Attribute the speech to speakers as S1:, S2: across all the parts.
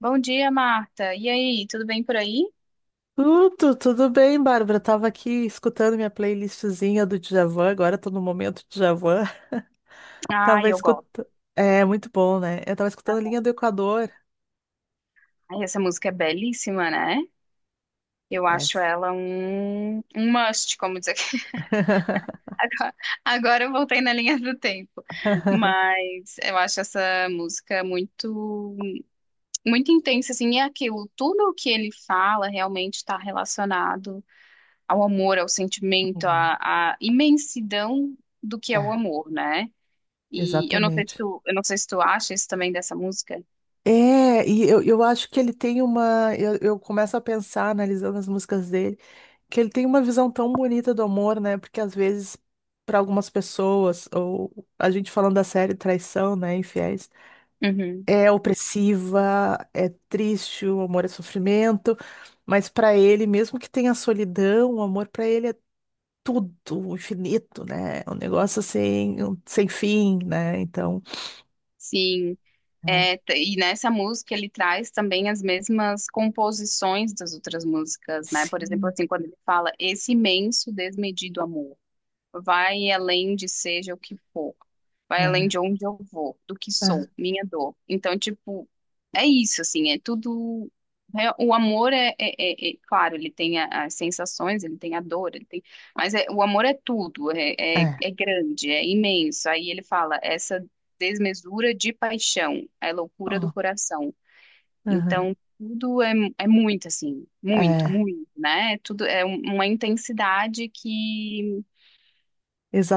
S1: Bom dia, Marta. E aí, tudo bem por aí?
S2: Tudo, bem, Bárbara? Tava aqui escutando minha playlistzinha do Djavan, agora tô no momento Djavan.
S1: Ai,
S2: Tava
S1: eu gosto.
S2: escutando. É, muito bom, né? Eu tava escutando Linha do Equador.
S1: Ai, essa música é belíssima, né? Eu acho
S2: Essa.
S1: ela um must, como diz aqui. Agora, agora eu voltei na linha do tempo. Mas eu acho essa música muito intensa, assim. E é aquilo, tudo o que ele fala realmente está relacionado ao amor, ao sentimento,
S2: Hum.
S1: à imensidão do que é o
S2: É,
S1: amor, né? E
S2: exatamente.
S1: eu não sei se tu acha isso também dessa música.
S2: É, e eu acho que ele tem uma. Eu começo a pensar, analisando as músicas dele, que ele tem uma visão tão bonita do amor, né? Porque às vezes, para algumas pessoas, ou a gente falando da série Traição, né? Infiéis.
S1: Uhum.
S2: É opressiva, é triste, o amor é sofrimento, mas para ele, mesmo que tenha solidão, o amor para ele é tudo, o infinito, né? É um negócio assim, sem fim, né? Então,
S1: Sim,
S2: é.
S1: é, e nessa música ele traz também as mesmas composições das outras músicas, né? Por exemplo,
S2: Sim,
S1: assim, quando ele fala esse imenso desmedido amor. Vai além de seja o que for. Vai além
S2: é,
S1: de onde eu vou, do que sou, minha dor. Então, tipo, é isso, assim, é tudo. O amor é, claro, ele tem as sensações, ele tem a dor, ele tem, mas o amor é tudo,
S2: é, é,
S1: é grande, é imenso. Aí ele fala, essa desmesura de paixão, é loucura do
S2: ó,
S1: coração.
S2: aham,
S1: Então, tudo é muito, assim,
S2: é,
S1: muito, né? Tudo é uma intensidade que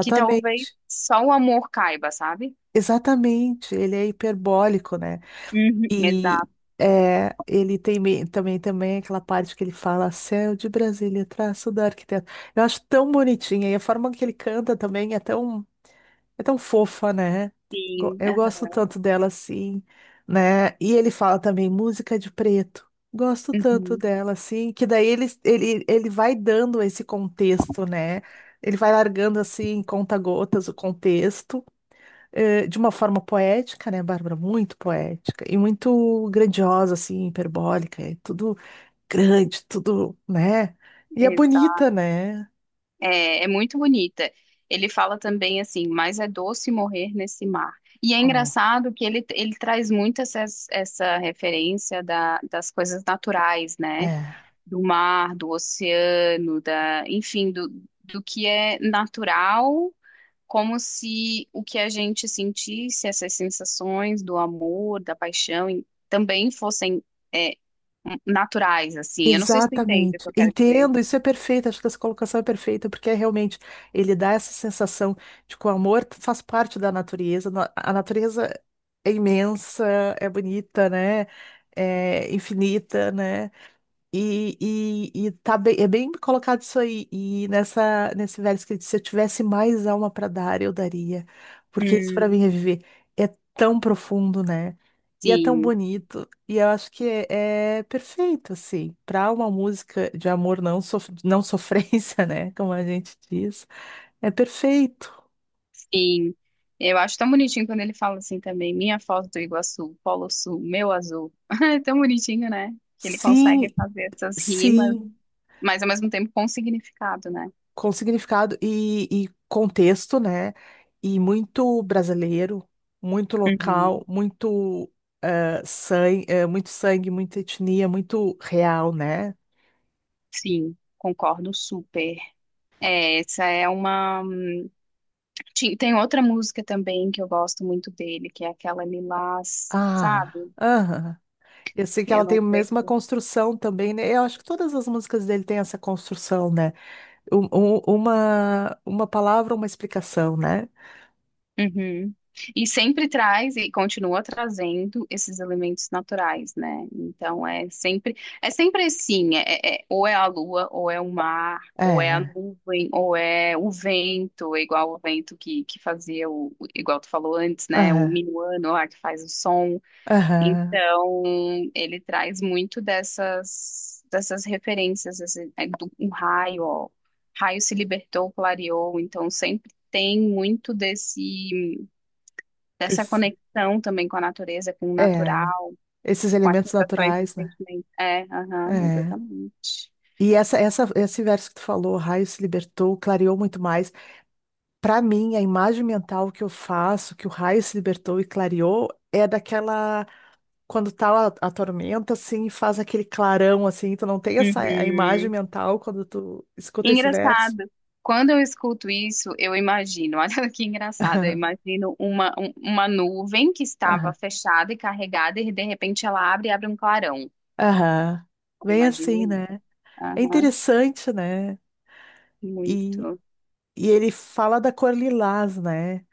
S1: que talvez só o amor caiba, sabe?
S2: exatamente, ele é hiperbólico, né?
S1: Uhum.
S2: E
S1: Exato.
S2: é, ele também, também aquela parte que ele fala Céu de Brasília, traço do arquiteto. Eu acho tão bonitinha. E a forma que ele canta também é tão fofa, né?
S1: Sim.
S2: Eu gosto
S1: Aham.
S2: tanto dela assim, né? E ele fala também música de preto. Gosto tanto
S1: Uhum.
S2: dela assim, que daí ele vai dando esse contexto, né? Ele vai largando assim, conta-gotas, o contexto de uma forma poética, né, Bárbara? Muito poética e muito grandiosa, assim, hiperbólica, é tudo grande, tudo, né? E é
S1: Exato.
S2: bonita, né?
S1: É, é muito bonita. Ele fala também assim, mas é doce morrer nesse mar. E é
S2: Ó,
S1: engraçado que ele traz muito essa, essa referência das coisas naturais, né?
S2: é.
S1: Do mar, do oceano, da, enfim, do, do que é natural, como se o que a gente sentisse, essas sensações do amor, da paixão, e também fossem é, naturais, assim. Eu não sei se tu entende o
S2: Exatamente.
S1: que eu quero dizer.
S2: Entendo, isso é perfeito, acho que essa colocação é perfeita, porque é realmente ele dá essa sensação de que o amor faz parte da natureza, a natureza é imensa, é bonita, né? É infinita, né? E tá bem, é bem colocado isso aí. E nessa, nesse verso que ele disse, se eu tivesse mais alma para dar, eu daria. Porque isso para
S1: Hum,
S2: mim é viver. É tão profundo, né? E é tão
S1: sim,
S2: bonito. E eu acho que é, é perfeito, assim, para uma música de amor não, não sofrência, né? Como a gente diz. É perfeito.
S1: sim. Eu acho tão bonitinho quando ele fala assim também, minha foto do Iguaçu, Polo Sul, meu azul. É tão bonitinho, né? Que ele consegue
S2: Sim,
S1: fazer essas rimas,
S2: sim.
S1: mas ao mesmo tempo com significado, né?
S2: Com significado e contexto, né? E muito brasileiro, muito local,
S1: Uhum.
S2: muito sangue, muito sangue, muita etnia, muito real, né?
S1: Sim, concordo super. É, essa é uma tem outra música também que eu gosto muito dele, que é aquela Lilás,
S2: Ah,
S1: sabe?
S2: aham. Eu sei que ela
S1: Eu
S2: tem
S1: não
S2: a
S1: sei.
S2: mesma construção também, né? Eu acho que todas as músicas dele têm essa construção, né? Uma palavra, uma explicação, né?
S1: Uhum. E sempre traz e continua trazendo esses elementos naturais, né? Então é sempre assim, é, ou é a lua, ou é o mar, ou é a
S2: É,
S1: nuvem, ou é o vento, igual o vento que fazia o, igual tu falou antes, né? O
S2: aham,
S1: minuano lá que faz o som.
S2: aham.
S1: Então, ele traz muito dessas, dessas referências, assim, do- um raio, ó. Raio se libertou, clareou, então sempre tem muito desse, dessa
S2: Esse-
S1: conexão também com a natureza, com o
S2: É,
S1: natural,
S2: esses
S1: com as
S2: elementos
S1: sensações e
S2: naturais, né?
S1: sentimentos. É, aham,
S2: É.
S1: exatamente.
S2: E esse verso que tu falou, o raio se libertou, clareou muito mais. Para mim, a imagem mental que eu faço, que o raio se libertou e clareou, é daquela quando tá a tormenta assim, e faz aquele clarão assim, tu não tem essa a imagem
S1: Uhum.
S2: mental quando tu escuta esse verso.
S1: Engraçado. Quando eu escuto isso, eu imagino, olha que engraçado, eu
S2: Aham.
S1: imagino uma nuvem que estava
S2: Aham.
S1: fechada e carregada e de repente ela abre e abre um clarão.
S2: Aham.
S1: Eu
S2: Bem
S1: imagino
S2: assim,
S1: isso.
S2: né? É
S1: Aham,
S2: interessante, né? E,
S1: muito.
S2: e ele fala da cor lilás, né?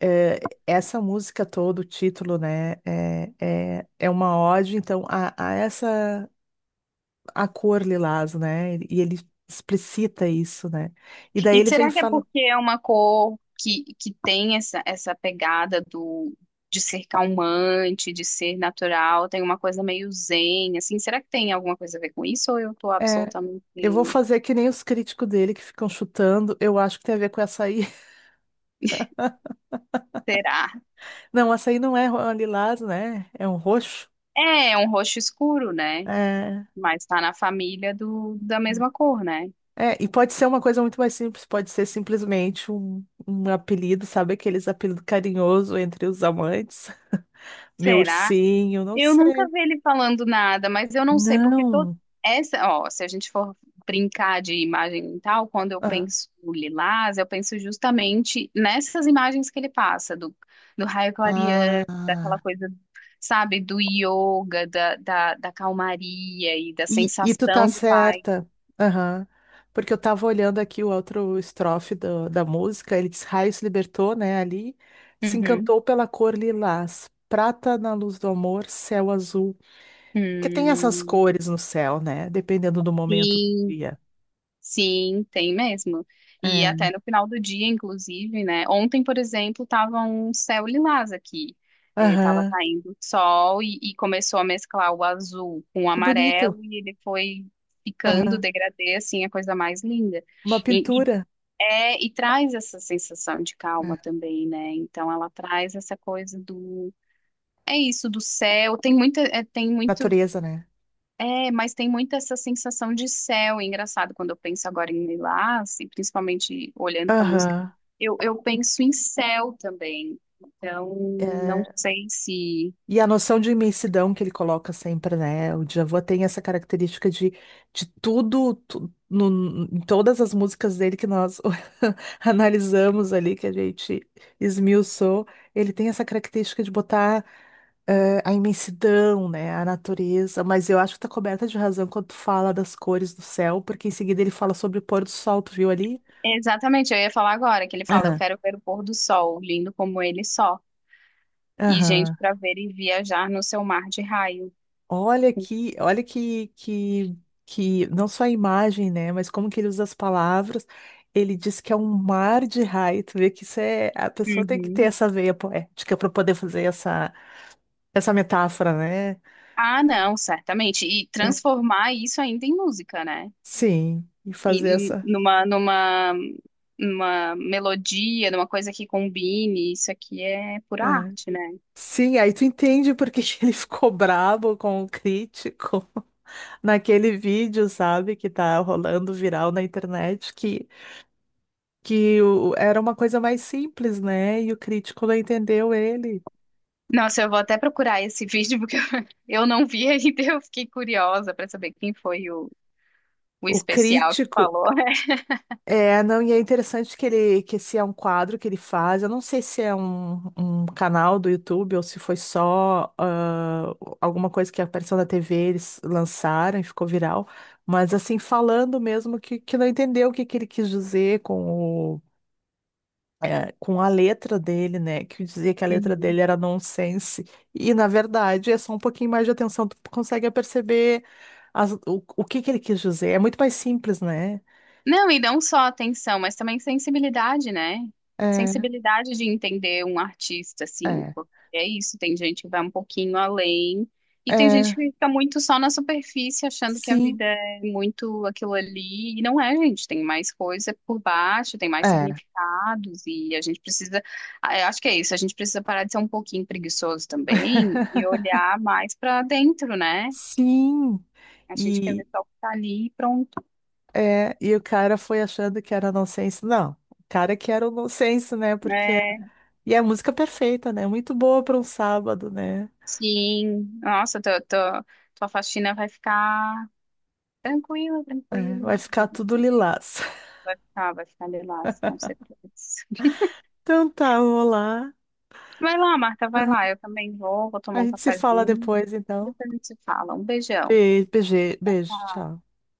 S2: É, essa música toda, o título, né, é, é, é uma ode, então, a essa, a cor lilás, né, e ele explicita isso, né, e daí
S1: E
S2: ele vem e
S1: será que é
S2: fala,
S1: porque é uma cor que tem essa, essa pegada do de ser calmante, de ser natural, tem uma coisa meio zen, assim? Será que tem alguma coisa a ver com isso ou eu tô
S2: é, eu vou
S1: absolutamente...
S2: fazer que nem os críticos dele que ficam chutando, eu acho que tem a ver com açaí,
S1: Será?
S2: não, açaí não é ro- lilás, né, é um roxo,
S1: É, é um roxo escuro, né?
S2: é,
S1: Mas tá na família do, da mesma cor, né?
S2: é, e pode ser uma coisa muito mais simples, pode ser simplesmente um, um apelido, sabe, aqueles apelidos carinhoso entre os amantes, meu
S1: Será?
S2: ursinho, não
S1: Eu
S2: sei.
S1: nunca vi ele falando nada, mas eu não sei porque todo
S2: Não.
S1: essa, ó, se a gente for brincar de imagem e tal, quando eu
S2: Ah,
S1: penso no Lilás, eu penso justamente nessas imagens que ele passa do, do raio clareando, daquela
S2: ah,
S1: coisa, sabe, do yoga, da calmaria e da
S2: e tu tá
S1: sensação de paz.
S2: certa. Aham. Porque eu tava olhando aqui o outro estrofe da música, ele diz, raio se libertou, né, ali, se
S1: Uhum.
S2: encantou pela cor lilás, prata na luz do amor, céu azul. Porque tem essas
S1: Hum,
S2: cores no céu, né, dependendo do momento do
S1: sim.
S2: dia.
S1: Sim, tem mesmo. E
S2: É.
S1: até no final do dia, inclusive, né? Ontem, por exemplo, tava um céu lilás aqui. É, tava
S2: Aham.
S1: caindo sol e começou a mesclar o azul com o
S2: Que bonito.
S1: amarelo e ele foi ficando
S2: Aham.
S1: degradê, assim, a coisa mais linda.
S2: Uma
S1: E, e,
S2: pintura.
S1: é, e traz essa sensação de calma
S2: É.
S1: também, né? Então ela traz essa coisa do... É isso, do céu. Tem muita, é, tem muito
S2: Natureza, né?
S1: é, mas tem muito essa sensação de céu. E engraçado quando eu penso agora em Lilás, e principalmente olhando para a música,
S2: Aham.
S1: eu penso em céu também. Então, não
S2: É.
S1: sei se.
S2: E a noção de imensidão que ele coloca sempre, né? O Djavan tem essa característica de tudo, em todas as músicas dele que nós analisamos ali, que a gente esmiuçou, ele tem essa característica de botar a imensidão, né? A natureza. Mas eu acho que tá coberta de razão quando tu fala das cores do céu, porque em seguida ele fala sobre o pôr do sol, tu viu ali?
S1: Exatamente, eu ia falar agora, que ele fala: Eu
S2: Aham,
S1: quero ver o pôr do sol, lindo como ele só, e gente
S2: aham.
S1: para ver e viajar no seu mar de raio.
S2: Olha que não só a imagem, né, mas como que ele usa as palavras. Ele diz que é um mar de raio. Tu vê que isso é, a pessoa tem que ter
S1: Uhum.
S2: essa veia poética para poder fazer essa metáfora, né?
S1: Ah, não, certamente. E
S2: É,
S1: transformar isso ainda em música, né?
S2: sim, e fazer
S1: E
S2: essa.
S1: numa, numa, numa melodia, numa coisa que combine, isso aqui é pura
S2: É.
S1: arte, né?
S2: Sim, aí tu entende porque que ele ficou brabo com o crítico naquele vídeo, sabe, que tá rolando viral na internet, que era uma coisa mais simples, né? E o crítico não entendeu ele.
S1: Nossa, eu vou até procurar esse vídeo porque eu não vi ainda, eu fiquei curiosa para saber quem foi o
S2: O
S1: especial que
S2: crítico.
S1: falou.
S2: É, não, e é interessante que ele, que esse é um quadro que ele faz. Eu não sei se é um, um canal do YouTube ou se foi só alguma coisa que apareceu na TV, eles lançaram e ficou viral. Mas assim, falando mesmo que não entendeu o que ele quis dizer com com a letra dele, né? Que dizia que a letra
S1: Uhum.
S2: dele era nonsense. E, na verdade, é só um pouquinho mais de atenção, tu consegue perceber o que que ele quis dizer. É muito mais simples, né?
S1: Não, e não só atenção, mas também sensibilidade, né?
S2: É,
S1: Sensibilidade de entender um artista, assim,
S2: é,
S1: porque é isso, tem gente que vai um pouquinho além, e tem gente
S2: é,
S1: que fica muito só na superfície, achando que a
S2: sim,
S1: vida é muito aquilo ali, e não é, gente, tem mais coisa por baixo, tem mais
S2: é,
S1: significados, e a gente precisa, ah, eu acho que é isso, a gente precisa parar de ser um pouquinho preguiçoso também, e olhar mais para dentro, né?
S2: sim.
S1: A gente quer
S2: E,
S1: ver só o que tá ali e pronto,
S2: é, e o cara foi achando que era nonsense. Não, o cara que era o nonsense, né? Porque...
S1: né?
S2: E é a música perfeita, né? Muito boa para um sábado, né?
S1: Sim, nossa, tua faxina vai ficar tranquila,
S2: É,
S1: tranquila.
S2: vai ficar tudo lilás.
S1: Vai ficar de lás, com certeza.
S2: Então tá, vamos lá.
S1: Vai lá, Marta, vai lá. Eu também vou
S2: A
S1: tomar um
S2: gente se fala
S1: cafezinho.
S2: depois, então.
S1: Depois a gente se fala. Um beijão.
S2: Beijo, beijo,
S1: Tchau,
S2: beijo,
S1: tchau.
S2: tchau.